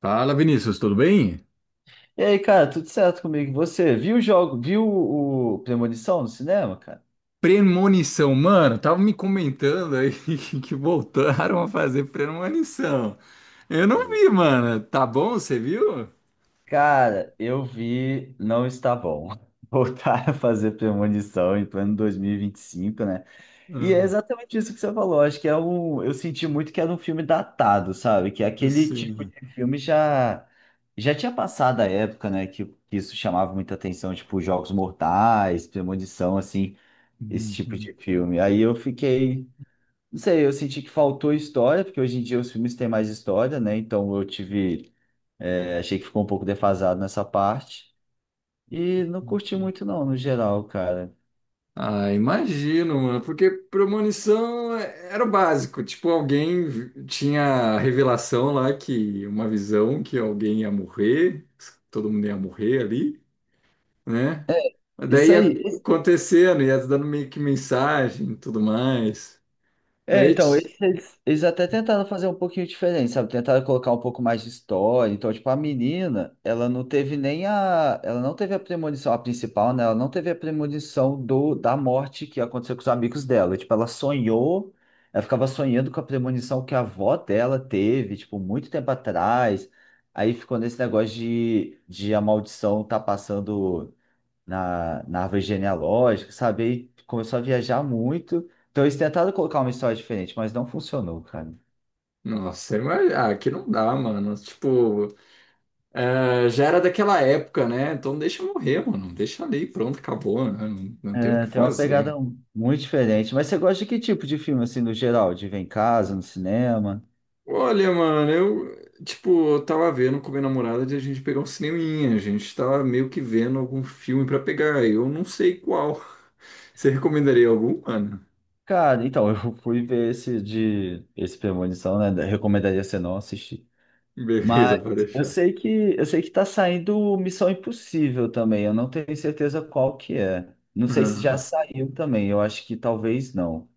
Fala, Vinícius, tudo bem? E aí, cara, tudo certo comigo? E você viu o jogo, viu o Premonição no cinema, cara? Premonição, mano, tava me comentando aí que voltaram a fazer premonição. Eu não Foi. vi, mano. Tá bom, você viu? Cara, eu vi, não está bom. Voltar a fazer premonição em plano 2025, né? E é Ah, exatamente isso que você falou. Acho que é um. Eu senti muito que era um filme datado, sabe? Que é aquele tipo de sim. filme já tinha passado a época, né? Que isso chamava muita atenção, tipo Jogos Mortais, Premonição, assim, esse tipo Uhum, de filme. Aí eu fiquei. Não sei, eu senti que faltou história, porque hoje em dia os filmes têm mais história, né? Então eu tive, achei que ficou um pouco defasado nessa parte. E não curti entendi. muito não, no geral, cara. Ah, imagino, mano, porque premonição era o básico. Tipo, alguém tinha a revelação lá que uma visão que alguém ia morrer, todo mundo ia morrer ali, né? É. Daí Isso ia aí. acontecendo, ia dando meio que mensagem e tudo mais. É, Aí, então, eles até tentaram fazer um pouquinho diferente, sabe? Tentaram colocar um pouco mais de história. Então, tipo, a menina, ela não teve nem a. Ela não teve a premonição, a principal, né? Ela não teve a premonição da morte que aconteceu com os amigos dela. Tipo, ela sonhou, ela ficava sonhando com a premonição que a avó dela teve, tipo, muito tempo atrás. Aí ficou nesse negócio de a maldição tá passando na árvore genealógica, sabe? Aí começou a viajar muito. Então eles tentaram colocar uma história diferente, mas não funcionou, cara. nossa, mas, ah, aqui não dá, mano. Tipo, é, já era daquela época, né? Então deixa eu morrer, mano. Deixa ali, pronto, acabou, né? Não, não tem o que É, tem uma pegada fazer. Muito diferente. Mas você gosta de que tipo de filme, assim, no geral? De ver em casa, no cinema? Olha, mano, eu, tipo, eu tava vendo com minha namorada de a gente pegar um cineminha. A gente tava meio que vendo algum filme pra pegar. Eu não sei qual. Você recomendaria algum, mano? Cara, então, eu fui ver esse Premonição, né? Recomendaria você não assistir. Beleza, Mas pode eu deixar. sei que tá saindo Missão Impossível também. Eu não tenho certeza qual que é. Não sei se já Uhum. saiu também. Eu acho que talvez não.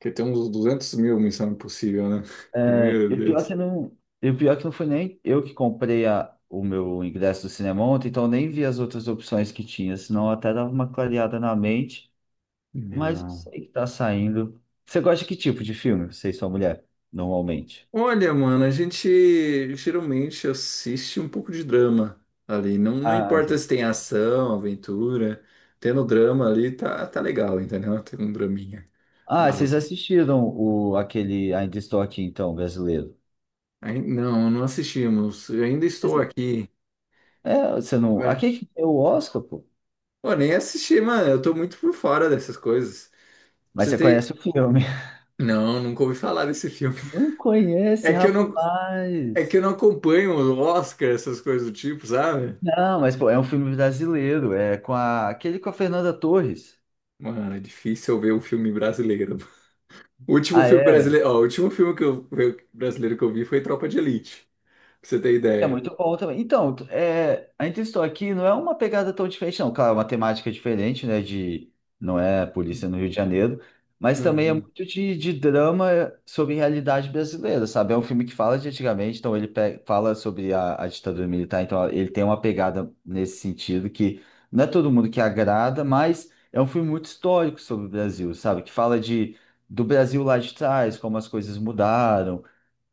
Que tem uns 200.000 Missão Impossível, né? É, Meu Deus. E o pior é que não foi nem eu que comprei o meu ingresso do cinema ontem, então eu nem vi as outras opções que tinha, senão até dava uma clareada na mente, mas eu Não. sei que tá saindo. Você gosta de que tipo de filme, você e sua mulher, normalmente? Olha, mano, a gente geralmente assiste um pouco de drama ali. Não, não Ah, importa vocês, se tem ação, aventura. Tendo drama ali, tá, tá legal, entendeu? Tem um draminha ah, vocês básico. assistiram aquele Ainda Estou Aqui, então, brasileiro. Aí, não, não assistimos. Eu ainda estou Mas... aqui. é, você não. Né? Aqui que é o Oscar, pô. Pô, nem assisti, mano. Eu tô muito por fora dessas coisas. Pra Mas você você conhece ter. o filme. Não, nunca ouvi falar desse filme. Não conhece, É que eu não, é que rapaz. eu não acompanho o Oscar, essas coisas do tipo, sabe? Não, mas pô, é um filme brasileiro, é com a... aquele com a Fernanda Torres. Mano, é difícil eu ver um filme brasileiro. O último Ah, filme é. brasileiro, ó, o último filme que eu, brasileiro que eu vi foi Tropa de Elite, pra você ter É ideia. muito bom também. Então, é, a Interstou Aqui não é uma pegada tão diferente, não. Claro, é uma temática diferente, né? De, não é polícia no Rio de Janeiro, mas também é Uhum. muito de drama sobre realidade brasileira, sabe? É um filme que fala de antigamente, então fala sobre a ditadura militar, então ele tem uma pegada nesse sentido que não é todo mundo que agrada, mas é um filme muito histórico sobre o Brasil, sabe? Que fala de, do Brasil lá de trás, como as coisas mudaram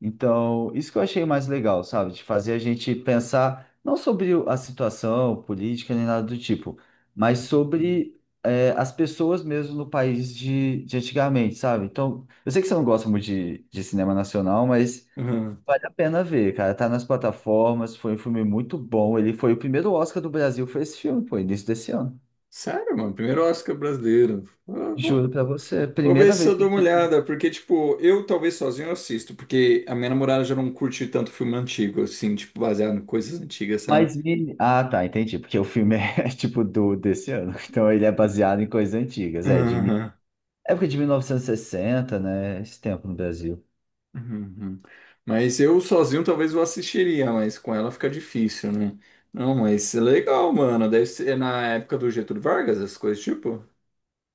então, isso que eu achei mais legal, sabe? De fazer a gente pensar não sobre a situação política nem nada do tipo, mas sobre as pessoas mesmo no país de antigamente, sabe? Então, eu sei que você não gosta muito de cinema nacional, mas Uhum. vale a pena ver, cara. Tá nas plataformas, foi um filme muito bom. Ele foi o primeiro Oscar do Brasil, foi esse filme, pô, início desse ano. Sério, mano, primeiro Oscar brasileiro. Eu Juro Vou, pra você, vou ver primeira se vez eu dou que... uma olhada, porque, tipo, eu talvez sozinho eu assisto, porque a minha namorada já não curte tanto filme antigo, assim, tipo, baseado em coisas antigas, sabe? mas meni- ah, tá, entendi. Porque o filme é tipo do desse ano. Então ele é baseado em coisas antigas. É, de mi- Uhum. época de 1960, né? Esse tempo no Brasil. Uhum. Mas eu sozinho talvez eu assistiria, mas com ela fica difícil, né? Não, mas é legal, mano. Deve ser na época do Getúlio Vargas, essas coisas tipo.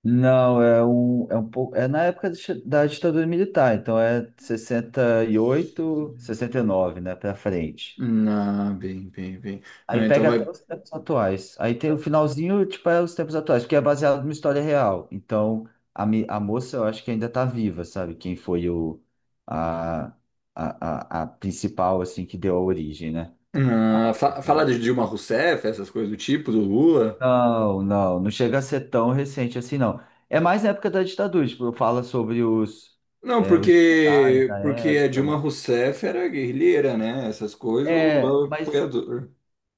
Não, é um pouco. É na época do da ditadura militar, então é 68, 69, né? Pra frente. Ah, bem, bem, bem. Aí Ah, então pega vai. até os tempos atuais. Aí tem o finalzinho, tipo, é os tempos atuais, porque é baseado numa história real. Então, a moça, eu acho que ainda tá viva, sabe? Quem foi o, a, a, a principal, assim, que deu a origem, né? Ah, A- fala de Dilma Rousseff, essas coisas do tipo, do Lula. não, não chega a ser tão recente assim, não. É mais na época da ditadura, tipo, fala sobre os, Não, é, os generais porque da porque a época, Dilma né? Rousseff era guerrilheira, né? Essas coisas, o É, Lula é mas apoiador.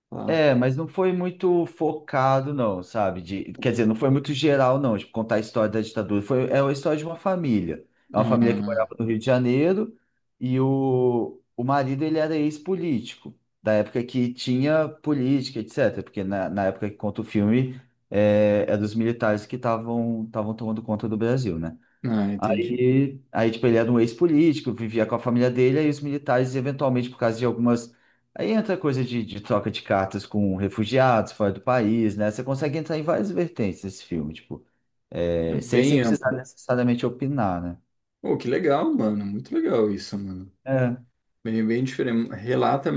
Tá. é, mas não foi muito focado, não, sabe? De, quer dizer, não foi muito geral, não, tipo, contar a história da ditadura. Foi, é a história de uma família. É uma família que Ah, morava no Rio de Janeiro e o marido, ele era ex-político, da época que tinha política, etc. Porque na época que conta o filme, é dos militares que estavam tomando conta do Brasil, né? ah, entendi. Tipo, ele era um ex-político, vivia com a família dele, aí os militares, eventualmente, por causa de algumas. Aí entra coisa de troca de cartas com refugiados fora do país, né? Você consegue entrar em várias vertentes nesse filme, tipo, É é, sem bem precisar amplo. necessariamente opinar, né? Pô, que legal, mano. Muito legal isso, mano. É. Bem, bem diferente. Relata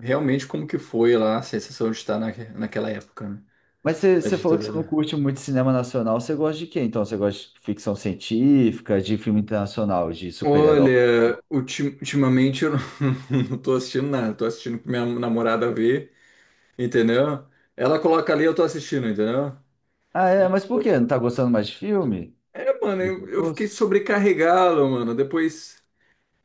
realmente como que foi lá a sensação de estar naquela época, né? Mas você Da você falou que você não ditadura. curte muito cinema nacional, você gosta de quê? Então, você gosta de ficção científica, de filme internacional, de super-herói? Olha, ultimamente eu não, não tô assistindo nada, tô assistindo pra minha namorada ver, entendeu? Ela coloca ali, eu tô assistindo, entendeu? Ah, é, mas por quê? Não tá gostando mais de filme? É, mano, Do eu fiquei gosto? sobrecarregado, mano. Depois.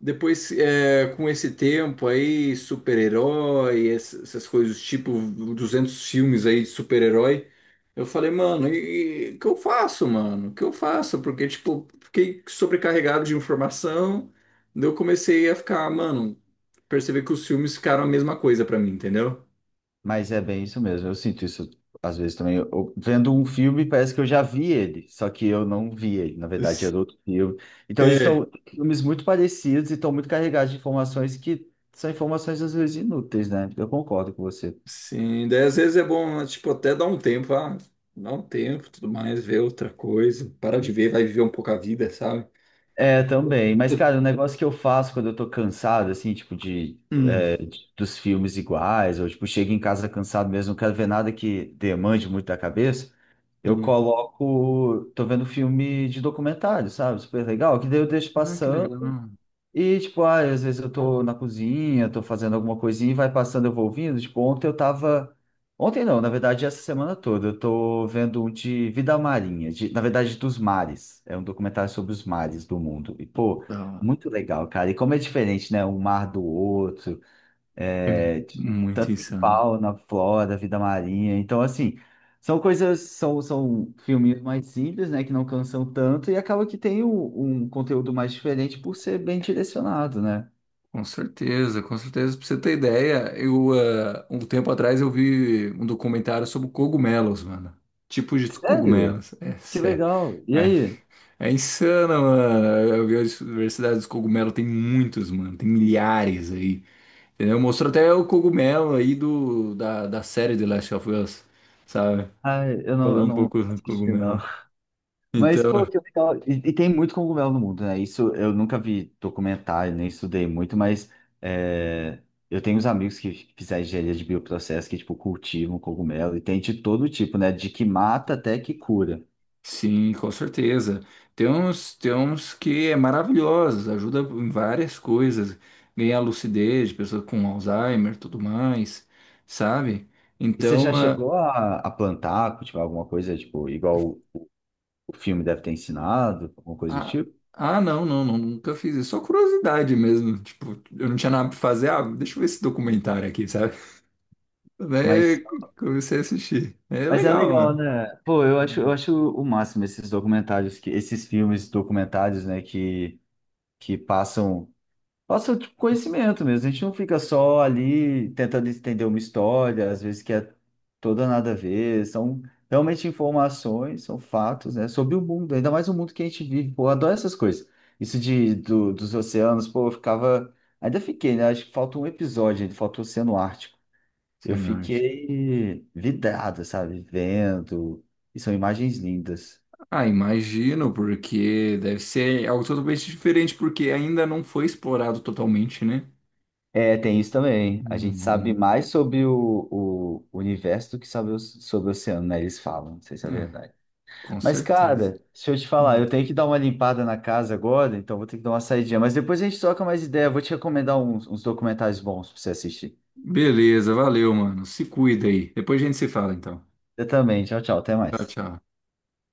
Depois, é, com esse tempo aí, super-herói, essas coisas, tipo 200 filmes aí de super-herói, eu falei, mano, e o que eu faço, mano? O que eu faço? Porque, tipo, fiquei sobrecarregado de informação, daí eu comecei a ficar, mano, perceber que os filmes ficaram a mesma coisa pra mim, entendeu? Mas é bem isso mesmo. Eu sinto isso às vezes também. Vendo um filme, parece que eu já vi ele, só que eu não vi ele. Na verdade, S- era outro filme. Então, eles É. estão filmes muito parecidos e estão muito carregados de informações que são informações às vezes inúteis, né? Eu concordo com você. Sim, daí às vezes é bom, né, tipo, até dar um tempo, tudo mais, ver outra coisa, parar de ver, vai viver um pouco a vida, sabe? É, também. Mas, cara, o negócio que eu faço quando eu tô cansado, assim, tipo, de, Hum. Dos filmes iguais, ou tipo, chego em casa cansado mesmo, não quero ver nada que demande muito da cabeça, eu coloco. Tô vendo filme de documentário, sabe? Super legal, que daí eu deixo Ah, que passando. legal. E, tipo, ah, às vezes eu tô na cozinha, tô fazendo alguma coisinha e vai passando, eu vou ouvindo. Tipo, ontem eu tava. Ontem não, na verdade, essa semana toda, eu tô vendo um de vida marinha, na verdade, dos mares. É um documentário sobre os mares do mundo. E, pô, Da hora. muito legal, cara. E como é diferente, né? Um mar do outro É é, muito tanto em insano. fauna, flora, vida marinha. Então, assim, são filminhos mais simples, né, que não cansam tanto e acaba que tem um conteúdo mais diferente por ser bem direcionado, né? Com certeza, com certeza. Pra você ter ideia, um tempo atrás eu vi um documentário sobre cogumelos, mano. Tipos de Sério? cogumelos. É Que sério. legal. E É, aí? é insano, mano. Eu vi a diversidade dos cogumelos. Tem muitos, mano. Tem milhares aí. Entendeu? Mostrou até o cogumelo aí da série The Last of Us, sabe? Ah, eu Falando um não pouco do assisti, não. cogumelo. Mas, Então. pô, que legal. E tem muito cogumelo no mundo, né? Isso eu nunca vi documentário, nem estudei muito, mas é, eu tenho uns amigos que fizeram engenharia de bioprocesso que, tipo, cultivam cogumelo e tem de todo tipo, né? De que mata até que cura. Sim, com certeza. Tem uns que é maravilhoso, ajuda em várias coisas, ganhar lucidez, pessoa com Alzheimer, tudo mais, sabe? E você já Então, chegou a plantar, cultivar alguma coisa, tipo, igual o filme deve ter ensinado, alguma coisa do ah, tipo? Não, não, não, nunca fiz isso, só curiosidade mesmo, tipo, eu não tinha nada pra fazer, ah, deixa eu ver esse documentário aqui, sabe? Mas, Daí comecei a assistir, é mas é legal, legal, mano. né? Pô, eu Hum, acho o máximo esses documentários, que, esses filmes documentários, né, que passam. Passa, tipo, conhecimento mesmo. A gente não fica só ali tentando entender uma história, às vezes que é toda nada a ver. São realmente informações, são fatos, né? Sobre o mundo, ainda mais o mundo que a gente vive. Pô, eu adoro essas coisas. Isso de, dos oceanos, pô, eu ficava. Ainda fiquei, né? Acho que falta um episódio, ainda falta o Oceano Ártico. Eu Cenárgica. fiquei vidrado, sabe? Vendo. E são imagens lindas. Ah, imagino, porque deve ser algo totalmente diferente, porque ainda não foi explorado totalmente, né? É, tem isso também. A gente sabe Uhum. mais sobre o universo do que sabe sobre o oceano, né? Eles falam, não sei se é É, verdade. com Mas, certeza. cara, deixa eu te falar, Hum. eu tenho que dar uma limpada na casa agora, então vou ter que dar uma saidinha. Mas depois a gente troca mais ideia. Vou te recomendar uns documentários bons pra você assistir. Beleza, valeu, mano. Se cuida aí. Depois a gente se fala, então. Eu também. Tchau, tchau. Até Tchau, mais. tchau.